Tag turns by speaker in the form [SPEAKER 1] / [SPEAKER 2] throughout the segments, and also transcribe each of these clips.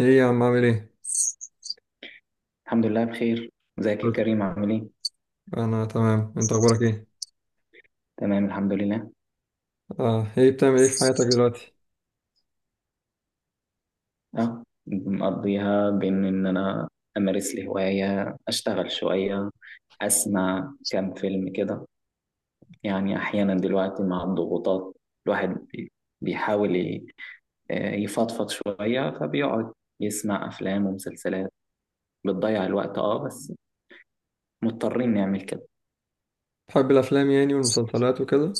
[SPEAKER 1] ايه يا عم عامل ايه؟
[SPEAKER 2] الحمد لله بخير. ازيك يا
[SPEAKER 1] قلت-
[SPEAKER 2] كريم، عامل ايه؟
[SPEAKER 1] انا تمام، انت اخبارك ايه؟
[SPEAKER 2] تمام الحمد لله.
[SPEAKER 1] اه ايه بتعمل ايه في حياتك دلوقتي؟
[SPEAKER 2] اه مقضيها بان ان انا امارس لي هوايه، اشتغل شويه، اسمع كام فيلم كده. يعني احيانا دلوقتي مع الضغوطات الواحد بيحاول يفضفض شويه، فبيقعد يسمع افلام ومسلسلات، بتضيع الوقت، بس مضطرين نعمل كده.
[SPEAKER 1] بتحب الافلام يعني والمسلسلات وكده؟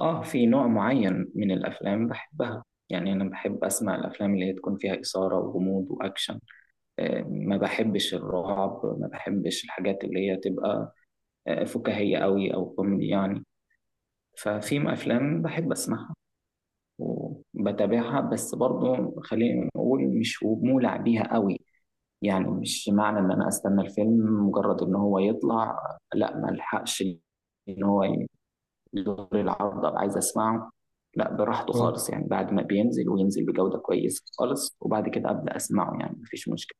[SPEAKER 2] اه، في نوع معين من الافلام بحبها. يعني انا بحب اسمع الافلام اللي هي تكون فيها اثاره وغموض واكشن. ما بحبش الرعب، ما بحبش الحاجات اللي هي تبقى فكاهية قوي أو كوميدي يعني. ففي أفلام بحب أسمعها وبتابعها، بس برضو خلينا نقول مش مولع بيها قوي. يعني مش معنى إن أنا أستنى الفيلم مجرد إن هو يطلع، لا ما الحقش إن هو يدور العرض أبقى عايز أسمعه. لا براحته
[SPEAKER 1] اه
[SPEAKER 2] خالص، يعني بعد ما بينزل وينزل بجودة كويسة خالص وبعد كده أبدأ أسمعه، يعني مفيش مشكلة.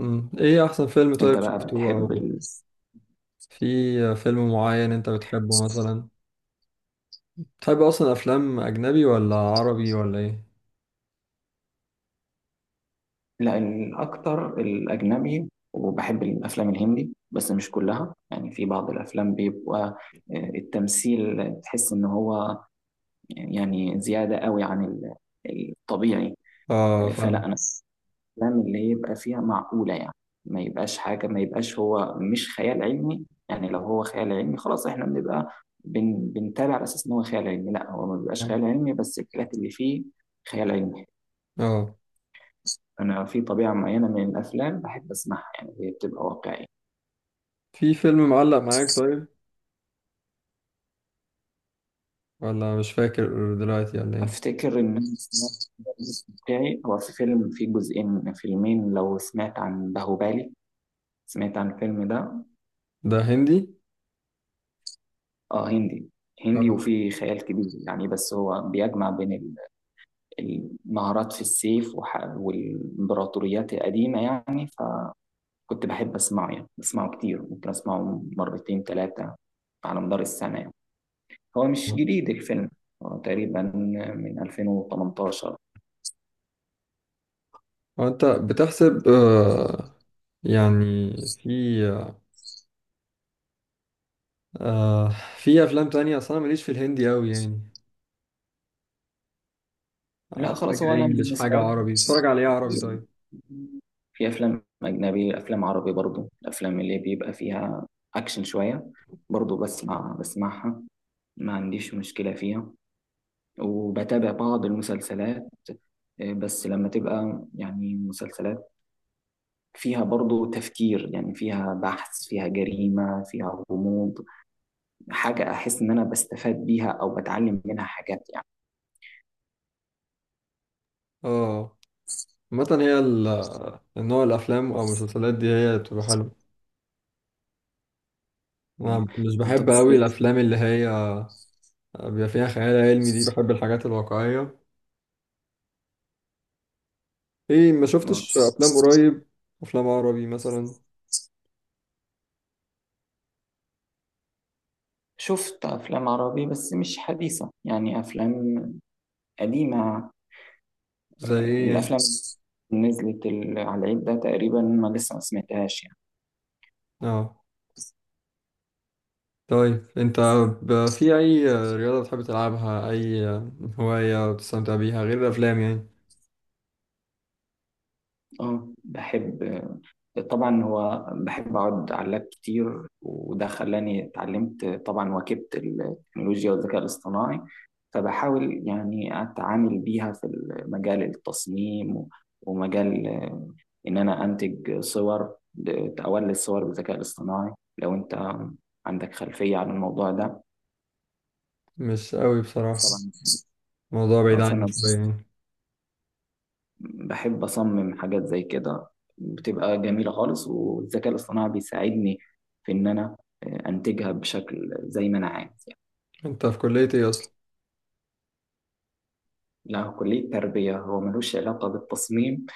[SPEAKER 1] ايه احسن فيلم طيب
[SPEAKER 2] أنت بقى
[SPEAKER 1] شفته،
[SPEAKER 2] بتحب
[SPEAKER 1] او
[SPEAKER 2] ال...
[SPEAKER 1] في فيلم معين انت بتحبه مثلا؟ بتحب اصلا افلام اجنبي ولا عربي ولا ايه؟
[SPEAKER 2] لا، الأكتر الأجنبي، وبحب الأفلام الهندي بس مش كلها، يعني في بعض الأفلام بيبقى التمثيل تحس إن هو يعني زيادة قوي عن الطبيعي.
[SPEAKER 1] اه،
[SPEAKER 2] فلا
[SPEAKER 1] فاهم.
[SPEAKER 2] أنا الأفلام اللي يبقى فيها معقولة يعني. ما يبقاش حاجة، ما يبقاش هو مش خيال علمي يعني. لو هو خيال علمي خلاص إحنا بنبقى بنتابع على أساس إن هو خيال علمي. لا، هو ما بيبقاش
[SPEAKER 1] اه
[SPEAKER 2] خيال علمي، بس الحاجات اللي فيه خيال علمي.
[SPEAKER 1] آه.
[SPEAKER 2] أنا في طبيعة معينة من الأفلام بحب أسمعها، يعني هي بتبقى واقعية.
[SPEAKER 1] في فيلم معلق معاك طيب؟ ولا مش فاكر دلوقتي ولا ايه؟
[SPEAKER 2] أفتكر إن أنا سمعت واقعي، هو في فيلم فيه جزئين، فيلمين، لو سمعت عن باهوبالي، سمعت عن الفيلم ده.
[SPEAKER 1] ده هندي؟
[SPEAKER 2] آه، هندي. هندي
[SPEAKER 1] اه
[SPEAKER 2] وفيه خيال كبير يعني، بس هو بيجمع بين المهارات في السيف والإمبراطوريات القديمة يعني. فكنت بحب أسمعه، يعني بسمعه كتير، ممكن أسمعه مرتين ثلاثة على مدار السنة يعني. هو مش
[SPEAKER 1] آه.
[SPEAKER 2] جديد الفيلم، هو تقريبا من 2018.
[SPEAKER 1] هو انت بتحسب، يعني في آه في افلام تانية اصلا ماليش في الهندي قوي يعني.
[SPEAKER 2] لا خلاص،
[SPEAKER 1] حاجة
[SPEAKER 2] هو انا
[SPEAKER 1] انجلش،
[SPEAKER 2] بالنسبه
[SPEAKER 1] حاجة عربي، بتتفرج على ايه عربي
[SPEAKER 2] لي
[SPEAKER 1] طيب؟
[SPEAKER 2] في افلام اجنبي، افلام عربي برضو، الافلام اللي بيبقى فيها اكشن شويه برضو بسمعها، ما عنديش مشكله فيها. وبتابع بعض المسلسلات، بس لما تبقى يعني مسلسلات فيها برضو تفكير، يعني فيها بحث، فيها جريمة، فيها غموض، حاجة أحس إن أنا بستفاد بيها أو بتعلم منها حاجات يعني.
[SPEAKER 1] اه، عامة هي النوع الافلام او المسلسلات دي هي بتبقى حلوة.
[SPEAKER 2] مم.
[SPEAKER 1] انا مش
[SPEAKER 2] انت
[SPEAKER 1] بحب قوي
[SPEAKER 2] بالذات-
[SPEAKER 1] الافلام اللي هي بيبقى فيها خيال علمي دي، بحب الحاجات الواقعية. ايه، ما
[SPEAKER 2] آه.
[SPEAKER 1] شفتش افلام قريب؟ افلام عربي مثلا؟
[SPEAKER 2] شفت افلام عربي، بس مش حديثة، يعني افلام قديمة.
[SPEAKER 1] زي ايه يعني؟
[SPEAKER 2] الافلام اللي نزلت على العيد ده تقريبا ما لسه ما سمعتهاش يعني.
[SPEAKER 1] اه، طيب انت في اي رياضة بتحب تلعبها، اي هواية بتستمتع بيها غير الافلام يعني؟
[SPEAKER 2] اه، بحب. طبعا هو بحب اقعد على اللاب كتير، وده خلاني اتعلمت طبعا واكبت التكنولوجيا والذكاء الاصطناعي. فبحاول يعني اتعامل بيها في مجال التصميم ومجال، ان انا انتج صور، اولد صور بالذكاء الاصطناعي. لو انت عندك خلفية عن الموضوع ده؟
[SPEAKER 1] مش قوي بصراحة،
[SPEAKER 2] طبعا.
[SPEAKER 1] موضوع بعيد عني
[SPEAKER 2] فانا
[SPEAKER 1] شوية يعني.
[SPEAKER 2] بحب أصمم حاجات زي كده، بتبقى جميلة خالص، والذكاء الاصطناعي بيساعدني في إن أنا أنتجها بشكل زي ما أنا عايز يعني.
[SPEAKER 1] انت في كلية ايه اصلا؟
[SPEAKER 2] لا، كلية تربية، هو ملوش علاقة بالتصميم،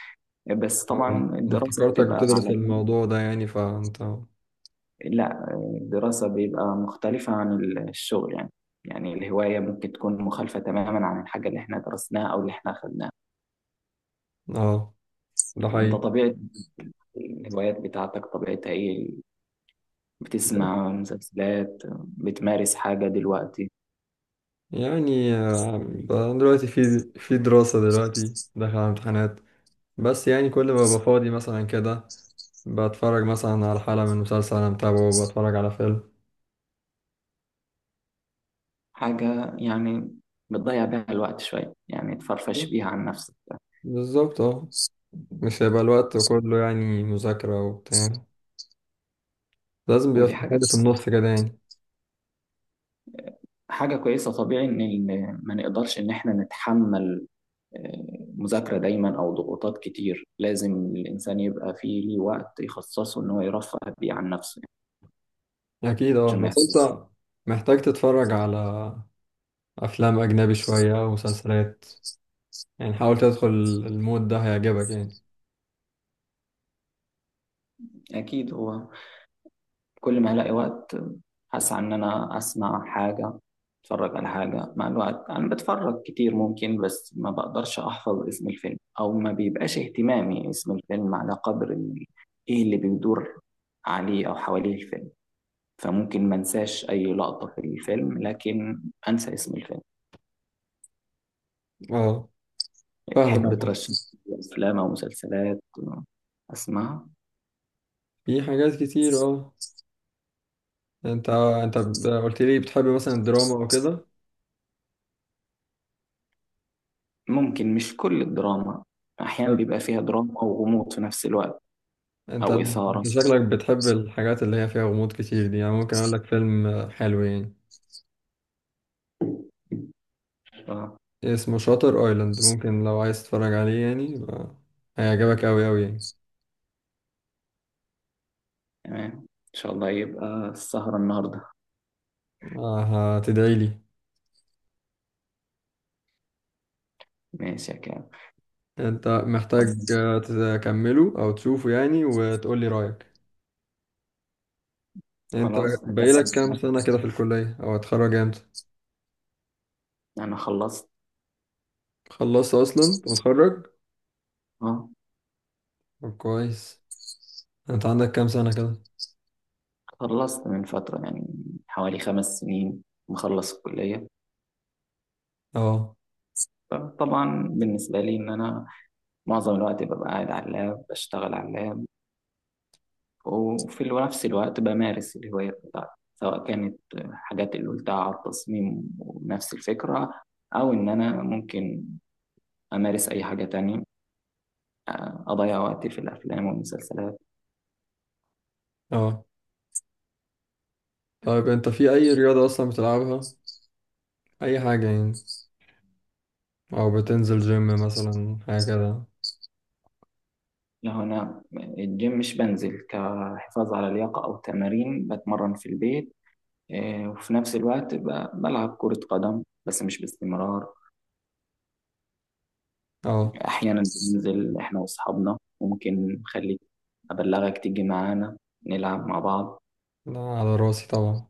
[SPEAKER 2] بس
[SPEAKER 1] اه،
[SPEAKER 2] طبعا
[SPEAKER 1] انا
[SPEAKER 2] الدراسة
[SPEAKER 1] افتكرتك
[SPEAKER 2] بتبقى
[SPEAKER 1] بتدرس
[SPEAKER 2] على.
[SPEAKER 1] الموضوع ده يعني فانت.
[SPEAKER 2] لا، الدراسة بيبقى مختلفة عن الشغل يعني. يعني الهواية ممكن تكون مخالفة تماما عن الحاجة اللي احنا درسناها أو اللي احنا أخدناها.
[SPEAKER 1] اه، ده
[SPEAKER 2] انت
[SPEAKER 1] حقيقي.
[SPEAKER 2] طبيعة الهوايات بتاعتك طبيعتها ايه؟ بتسمع مسلسلات؟ بتمارس حاجة دلوقتي؟
[SPEAKER 1] يعني دلوقتي في دراسة، دلوقتي داخل على امتحانات، بس يعني كل ما ببقى فاضي مثلا كده، بتفرج مثلا على حلقة من مسلسل انا متابعه، بتفرج على فيلم.
[SPEAKER 2] حاجة يعني بتضيع بيها الوقت شوية، يعني تفرفش بيها عن نفسك.
[SPEAKER 1] بالظبط اه، مش هيبقى الوقت كله يعني مذاكرة وبتاع، لازم بيبقى
[SPEAKER 2] ودي
[SPEAKER 1] في
[SPEAKER 2] حاجة
[SPEAKER 1] حاجة في النص كده يعني.
[SPEAKER 2] حاجة كويسة، طبيعي إن ما نقدرش إن إحنا نتحمل مذاكرة دايما أو ضغوطات كتير. لازم الإنسان يبقى فيه ليه وقت يخصصه إن هو يرفه بيه عن نفسه
[SPEAKER 1] أكيد اه،
[SPEAKER 2] عشان ما
[SPEAKER 1] بس
[SPEAKER 2] يحسش.
[SPEAKER 1] أنت محتاج تتفرج على افلام اجنبي شويه ومسلسلات، يعني حاول تدخل المود ده هيعجبك يعني.
[SPEAKER 2] أكيد، هو كل ما الاقي وقت اسعى ان انا اسمع حاجه، اتفرج على حاجه. مع الوقت انا بتفرج كتير ممكن، بس ما بقدرش احفظ اسم الفيلم، او ما بيبقاش اهتمامي اسم الفيلم على قدر ايه اللي بيدور عليه او حواليه الفيلم. فممكن ما انساش اي لقطه في الفيلم، لكن انسى اسم الفيلم.
[SPEAKER 1] اه، فاهمك
[SPEAKER 2] تحب
[SPEAKER 1] عامه.
[SPEAKER 2] ترشح لي افلام او مسلسلات اسمعها؟
[SPEAKER 1] في حاجات كتير اه. انت قلت لي بتحب مثلا الدراما او كده.
[SPEAKER 2] ممكن مش كل الدراما، احيانا
[SPEAKER 1] طيب
[SPEAKER 2] بيبقى فيها دراما وغموض في نفس الوقت،
[SPEAKER 1] انت
[SPEAKER 2] او اثاره.
[SPEAKER 1] انت شكلك بتحب الحاجات اللي هي فيها غموض كتير دي، يعني ممكن اقول لك فيلم حلو يعني
[SPEAKER 2] ف-
[SPEAKER 1] اسمه شاتر ايلاند. ممكن لو عايز تتفرج عليه يعني، يبقى هيعجبك قوي قوي يعني.
[SPEAKER 2] تمام، ان شاء الله يبقى السهرة النهاردة.
[SPEAKER 1] هتدعي لي.
[SPEAKER 2] ماشي يا كام.
[SPEAKER 1] انت
[SPEAKER 2] طب
[SPEAKER 1] محتاج تكمله او تشوفه يعني وتقول لي رايك. يعني انت
[SPEAKER 2] خلاص، هتحسن
[SPEAKER 1] باقيلك كام
[SPEAKER 2] معاك.
[SPEAKER 1] سنة كده في الكلية او هتخرج امتى؟
[SPEAKER 2] انا خلصت.
[SPEAKER 1] خلصت اصلا؟ انت متخرج؟
[SPEAKER 2] اه،
[SPEAKER 1] طب كويس. انت عندك كام سنة كده؟
[SPEAKER 2] خلصت من فترة، يعني حوالي 5 سنين مخلص الكلية.
[SPEAKER 1] اه.
[SPEAKER 2] طبعا بالنسبة لي إن أنا معظم الوقت ببقى قاعد على اللاب، بشتغل على اللاب، وفي نفس الوقت بمارس الهواية بتاعتي، سواء كانت حاجات اللي قلتها على التصميم ونفس الفكرة، أو إن أنا ممكن أمارس أي حاجة تانية، أضيع وقتي في الأفلام والمسلسلات.
[SPEAKER 1] اه، طيب انت في اي رياضة اصلا بتلعبها، اي حاجة يعني؟ او بتنزل جيم مثلا حاجة كده؟
[SPEAKER 2] لا، أنا الجيم مش بنزل، كحفاظ على اللياقة أو تمارين بتمرن في البيت. إيه، وفي نفس الوقت بلعب كرة قدم بس مش باستمرار.
[SPEAKER 1] اه،
[SPEAKER 2] أحيانا بننزل إحنا وأصحابنا، ممكن نخليك أبلغك تيجي معانا نلعب مع بعض.
[SPEAKER 1] لا، على راسي طبعا.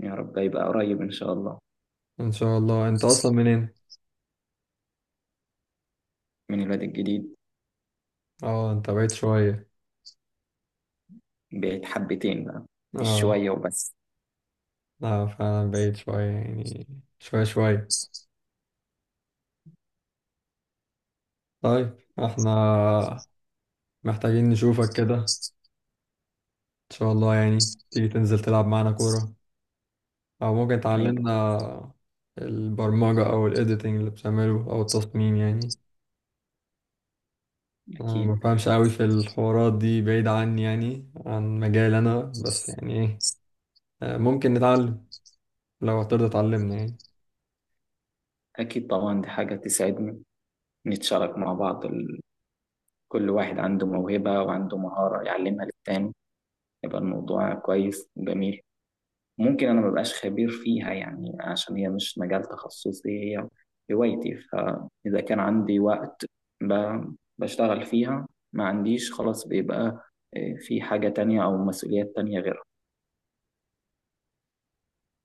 [SPEAKER 2] يا رب يبقى قريب إن شاء الله.
[SPEAKER 1] ان شاء الله. انت اصلا منين؟
[SPEAKER 2] من الواد الجديد.
[SPEAKER 1] اه، انت بعيد شوية.
[SPEAKER 2] بقيت حبتين بقى، مش
[SPEAKER 1] اه،
[SPEAKER 2] شوية وبس.
[SPEAKER 1] لا فعلا بعيد شوية يعني. شوية شوية. طيب احنا محتاجين نشوفك كده، ان شاء الله يعني تيجي تنزل تلعب معانا كورة، او ممكن
[SPEAKER 2] هيبقى
[SPEAKER 1] تعلمنا البرمجة او الايديتنج اللي بتعمله او التصميم يعني. انا ما
[SPEAKER 2] أكيد،
[SPEAKER 1] بفهمش قوي في الحوارات دي، بعيد عني يعني عن مجال انا، بس يعني ايه، ممكن نتعلم لو هترضى تعلمنا يعني.
[SPEAKER 2] أكيد طبعا، دي حاجة تسعدني، نتشارك مع بعض. كل واحد عنده موهبة وعنده مهارة يعلمها للتاني، يبقى الموضوع كويس وجميل. ممكن انا مبقاش خبير فيها يعني عشان هي مش مجال تخصصي، هي هوايتي. فاذا كان عندي وقت بشتغل فيها، ما عنديش خلاص بيبقى إيه، في حاجة تانية أو مسؤوليات تانية غيرها.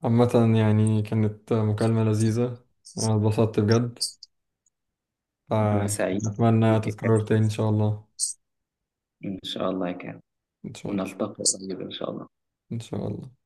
[SPEAKER 1] عامة يعني كانت مكالمة لذيذة وانا اتبسطت بجد،
[SPEAKER 2] أنا سعيد
[SPEAKER 1] فأتمنى
[SPEAKER 2] بيك يا
[SPEAKER 1] تتكرر
[SPEAKER 2] كابتن.
[SPEAKER 1] تاني ان شاء الله.
[SPEAKER 2] إن شاء الله يا كابتن.
[SPEAKER 1] ان شاء الله.
[SPEAKER 2] ونلتقي قريب إن شاء الله.
[SPEAKER 1] ان شاء الله.